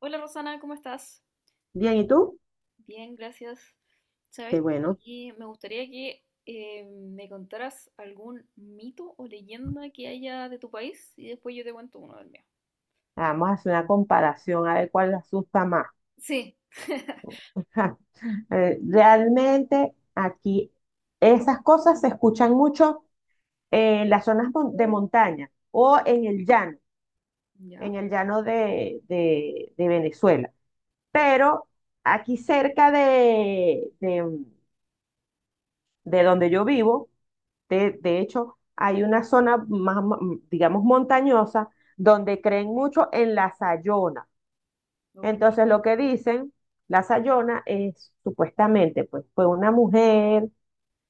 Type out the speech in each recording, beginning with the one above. Hola Rosana, ¿cómo estás? Bien, ¿y tú? Bien, gracias. Sabes Qué bueno. que me gustaría que me contaras algún mito o leyenda que haya de tu país y después yo te cuento uno del mío. Vamos a hacer una comparación a ver cuál le asusta más. Sí. Realmente aquí esas cosas se escuchan mucho en las zonas de montaña o ¿Ya? en el llano de Venezuela. Pero aquí cerca de donde yo vivo, de hecho, hay una zona más, digamos, montañosa donde creen mucho en la sayona. Ok. Entonces lo que dicen, la Sayona es, supuestamente, pues, fue una mujer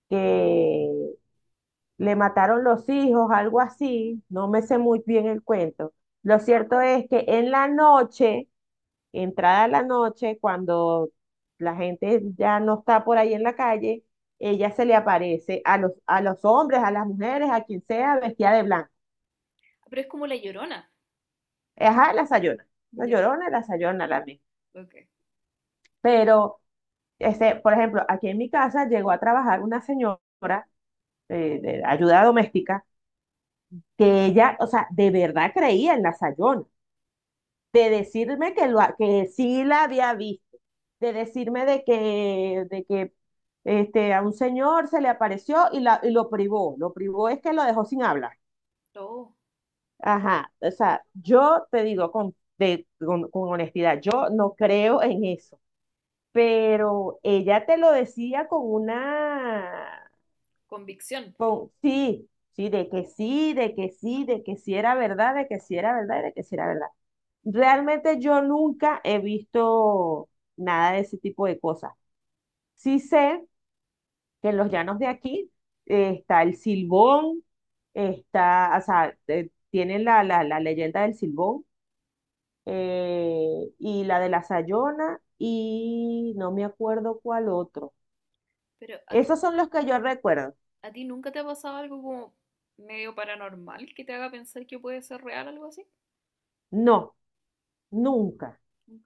que le mataron los hijos, algo así, no me sé muy bien el cuento. Lo cierto es que en la noche, entrada la noche, cuando la gente ya no está por ahí en la calle, ella se le aparece a los hombres, a las mujeres, a quien sea, vestida de blanco. Pero es como la Llorona. Ajá, la Sayona, la Ya. Llorona, la Sayona, la misma. Ok. Pero por ejemplo, aquí en mi casa llegó a trabajar una señora de ayuda doméstica que ella, o sea, de verdad creía en la Sayona, de decirme que, que sí la había visto, de decirme de que a un señor se le apareció y lo privó es que lo dejó sin hablar. Oh, Ajá, o sea, yo te digo con honestidad, yo no creo en eso, pero ella te lo decía con una. convicción. Sí, sí, de que sí, de que sí, de que sí era verdad, de que sí era verdad, y de que sí era verdad. Realmente yo nunca he visto nada de ese tipo de cosas. Sí sé que en los llanos de aquí está el silbón, está, o sea, tienen la leyenda del silbón, y la de la Sayona y no me acuerdo cuál otro. Pero Esos son los que yo recuerdo. ¿a ti nunca te ha pasado algo como medio paranormal que te haga pensar que puede ser real algo así? No, nunca. Nunca.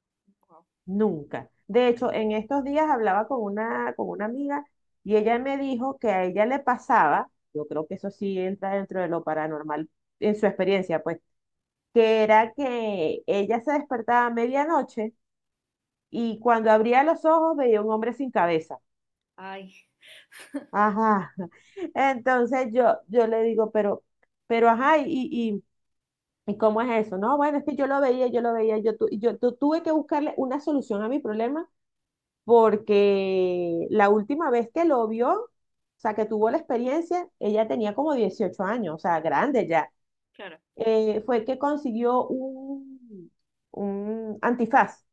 Wow. Nunca. De hecho, en estos días hablaba con una amiga y ella me dijo que a ella le pasaba, yo creo que eso sí entra dentro de lo paranormal en su experiencia, pues, que era que ella se despertaba a medianoche y cuando abría los ojos veía un hombre sin cabeza. Ay, Ajá. Entonces yo le digo, ajá, ¿y cómo es eso? No, bueno, es que yo lo veía, tuve que buscarle una solución a mi problema porque la última vez que lo vio, o sea, que tuvo la experiencia, ella tenía como 18 años, o sea, grande ya. claro. Fue que consiguió un antifaz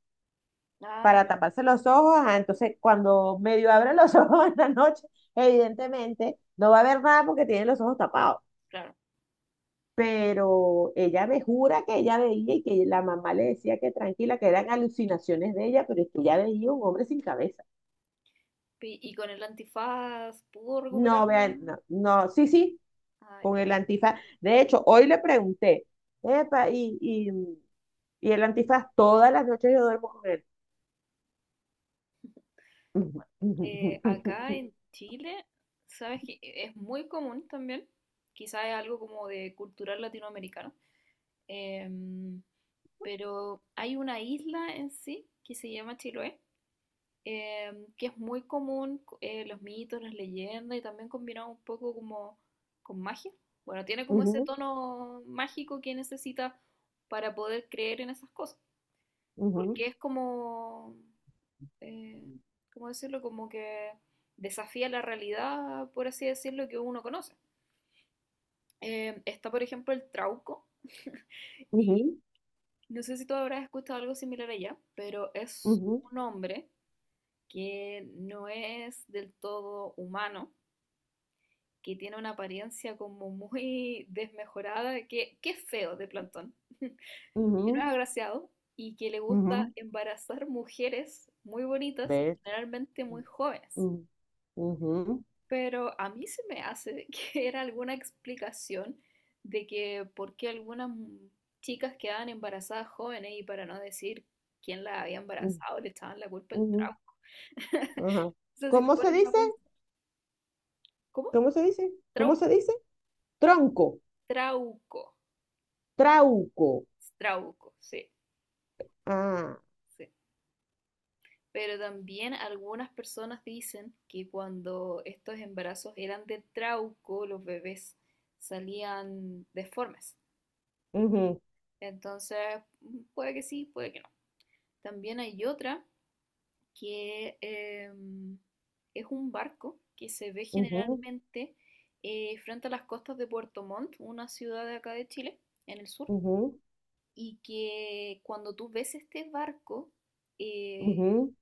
Ay, para taparse los ojos. Entonces, cuando medio abre los ojos en la noche, evidentemente no va a ver nada porque tiene los ojos tapados. claro. Pero ella me jura que ella veía y que la mamá le decía que tranquila, que eran alucinaciones de ella, pero es que ella veía un hombre sin cabeza. Y con el antifaz pudo No, recuperarla. vean, no, no, sí, sí, Ah, con el antifaz. De hecho, hoy le pregunté, epa, y el antifaz, todas las noches yo duermo con él. Acá Ujú, en Chile, sabes que es muy común también, quizás es algo como de cultural latinoamericano, em, pero hay una isla en sí que se llama Chiloé, que es muy común los mitos, las leyendas y también combinado un poco como con magia. Bueno, tiene como ese tono mágico que necesita para poder creer en esas cosas, ujú, porque es como eh, ¿cómo decirlo? Como que desafía la realidad, por así decirlo, que uno conoce. Está, por ejemplo, el trauco. ujú, Y ujú, no sé si tú habrás escuchado algo similar allá, pero es un hombre que no es del todo humano, que tiene una apariencia como muy desmejorada, que es feo de plantón, que ujú, no es ujú. agraciado y que le Ujú, ujú. gusta embarazar mujeres muy bonitas y ¿Ves? generalmente muy jóvenes. Ujú, ujú, Pero a mí se me hace que era alguna explicación de que por qué algunas chicas quedaban embarazadas jóvenes y para no decir quién las había ujú, embarazado, le echaban la culpa al ujú, trauco. ajá. O sea, si te ¿Cómo se pones a dice? pensar, ¿cómo? ¿Cómo se dice? ¿Cómo se Trauco, dice? Tronco, trauco, trauco. trauco, sí, Ah, sí. Pero también algunas personas dicen que cuando estos embarazos eran de trauco, los bebés salían deformes. ujú, Entonces, puede que sí, puede que no. También hay otra que es un barco que se ve ujú, generalmente frente a las costas de Puerto Montt, una ciudad de acá de Chile, en el sur, y que cuando tú ves este barco, ujú, eh, ujú,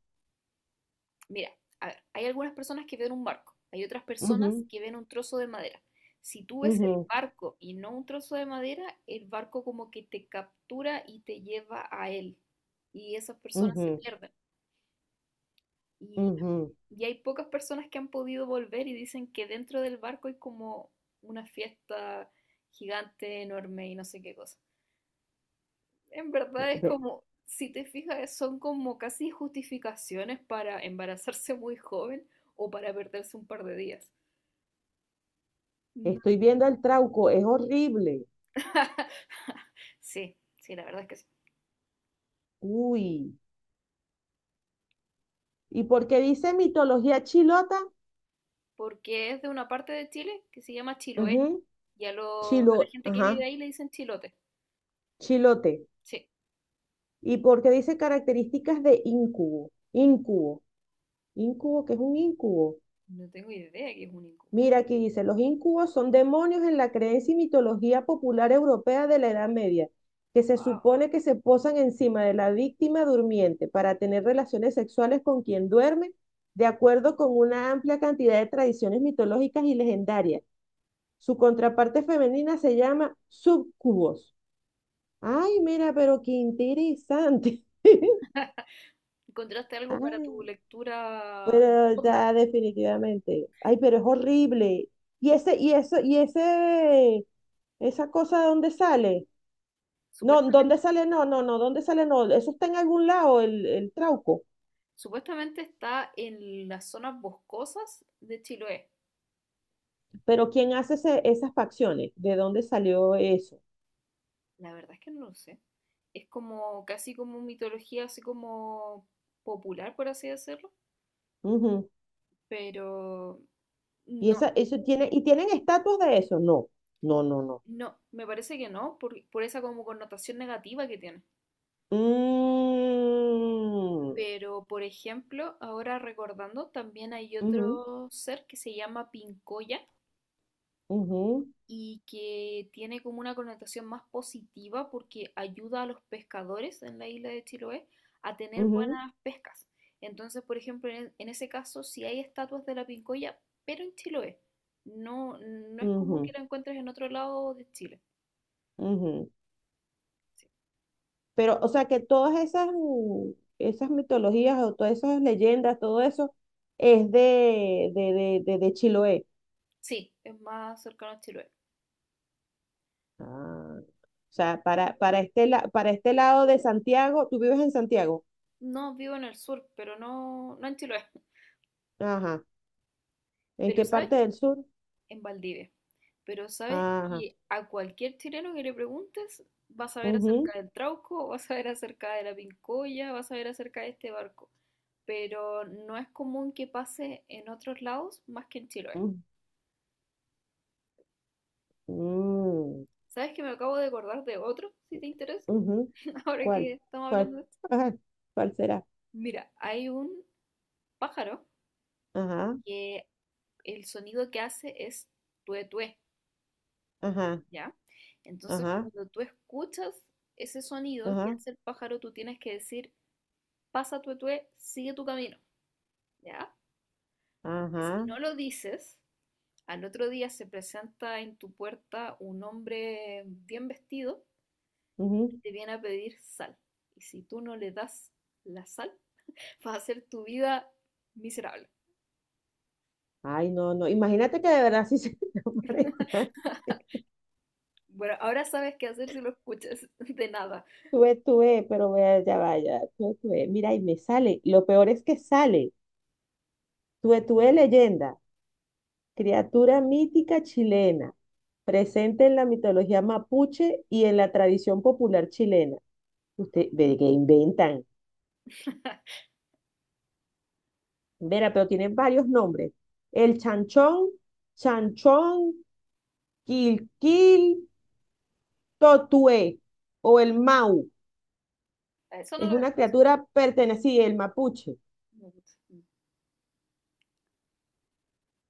mira, a ver, hay algunas personas que ven un barco, hay otras personas ujú, que ven un trozo de madera. Si tú ves el ujú, barco y no un trozo de madera, el barco como que te captura y te lleva a él, y esas personas se pierden. Y, ujú, y hay pocas personas que han podido volver y dicen que dentro del barco hay como una fiesta gigante, enorme y no sé qué cosa. En verdad es ujú. como, si te fijas, son como casi justificaciones para embarazarse muy joven o para perderse un par de días. No. Estoy viendo el trauco, es horrible. Sí, sí, la verdad es que sí. Uy. ¿Y por qué dice mitología chilota? Porque es de una parte de Chile que se llama Chiloé Ujú, y a la gente que ajá, vive ahí le dicen chilote. chilote. Sí, ¿Y por qué dice características de incubo? Incubo. Incubo, ¿qué es un incubo? no tengo idea que es un incu. Mira, aquí dice, los incubos son demonios en la creencia y mitología popular europea de la Edad Media, que se supone que se posan encima de la víctima durmiente para tener relaciones sexuales con quien duerme, de acuerdo con una amplia cantidad de tradiciones mitológicas y legendarias. Su contraparte femenina se llama subcubos. Ay, mira, pero qué interesante. ¿Encontraste algo para tu Ay, lectura pero nocturna? ya definitivamente. Ay, pero es horrible. Y ese, y eso, y ese, esa cosa, ¿dónde sale? No, Supuesta- ¿dónde sale? No, no, no, ¿dónde sale? No, eso está en algún lado, el trauco. Supuestamente está en las zonas boscosas de Chiloé. Pero ¿quién hace esas facciones? ¿De dónde salió eso? La verdad es que no lo sé. Es como casi como mitología, así como popular, por así decirlo. Ujú. Pero Y no, esa, eso tiene, ¿y tienen estatuas de eso? No, no, no, no. no, me parece que no, por esa como connotación negativa que tiene. Mm, Pero, por ejemplo, ahora recordando, también hay ujú, otro ser que se llama Pincoya, y que tiene como una connotación más positiva porque ayuda a los pescadores en la isla de Chiloé a tener ujú, ujú, buenas pescas. Entonces, por ejemplo, en ese caso, si hay estatuas de la Pincoya, pero en Chiloé. No, no es común que ujú, la encuentres en otro lado de Chile. ujú. Sí, Pero, o sea, que todas esas, esas mitologías o todas esas leyendas, todo eso es de Chiloé. sí, es más cercano a Chiloé. Ah, o sea, para este lado de Santiago, ¿tú vives en Santiago? No vivo en el sur, pero no, no en Chiloé. Ajá. ¿En Pero qué ¿sabes parte del sur? en Valdivia. Pero sabes Ajá. que a cualquier chileno que le preguntes, va a saber acerca Ujú. del Trauco, va a saber acerca de la Pincoya, va a saber acerca de este barco. Pero no es común que pase en otros lados más que en Chiloé. Mm, mm, ¿Sabes que me acabo de acordar de otro, si te interesa? ujú. Ahora que ¿Cuál? estamos hablando ¿Cuál? de esto. Ajá. ¿Cuál será? Mira, hay un pájaro Ajá, que el sonido que hace es tué tué, ajá, ¿ya? Entonces, ajá, cuando tú escuchas ese sonido que ajá, hace el pájaro, tú tienes que decir pasa tu etue, sigue tu camino, ¿ya? Porque si ajá. no lo dices, al otro día se presenta en tu puerta un hombre bien vestido, Ujú. te viene a pedir sal. Y si tú no le das la sal, va a hacer tu vida miserable. Ay, no, no. Imagínate que de verdad sí se te aparezca. Bueno, ahora sabes qué hacer si lo escuchas, de nada. Tuve, tuve, pero vea, ya vaya, tuve, tuve. Mira, y me sale. Lo peor es que sale. Tuve, tuve leyenda, criatura mítica chilena, presente en la mitología mapuche y en la tradición popular chilena. Usted ve que inventan. Vera, pero tienen varios nombres. El chanchón, chanchón, quilquil, totué o el mau. Eso no Es lo había una escuchado. criatura perteneciente, el mapuche.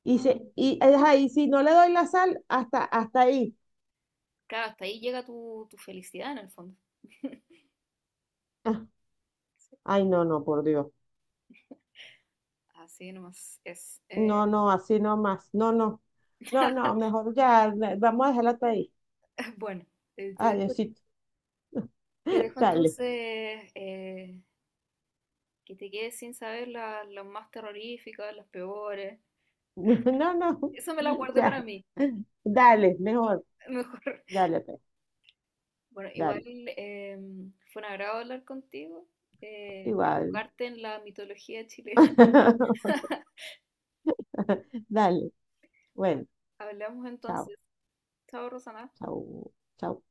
Ajá, y si no le doy la sal, hasta, hasta ahí. Claro, hasta ahí llega tu felicidad en el fondo. Ah, Sí, ay, no, no, por Dios. así nomás es. No, no, así no más. No, no. No, no, mejor ya. Vamos a dejarlo hasta ahí. bueno, eh, te dejo Adiosito. Te dejo Dale. entonces que te quedes sin saber las más terroríficas, las peores. No, no. Eso me las guardé Ya. para mí, Dale, mejor. mejor. Dale, pues, Bueno, igual dale. Fue un agrado hablar contigo, Igual. educarte en la mitología chilena. Dale. Bueno, Bueno, hablamos chao, entonces. Chao, Rosana. chao, chao.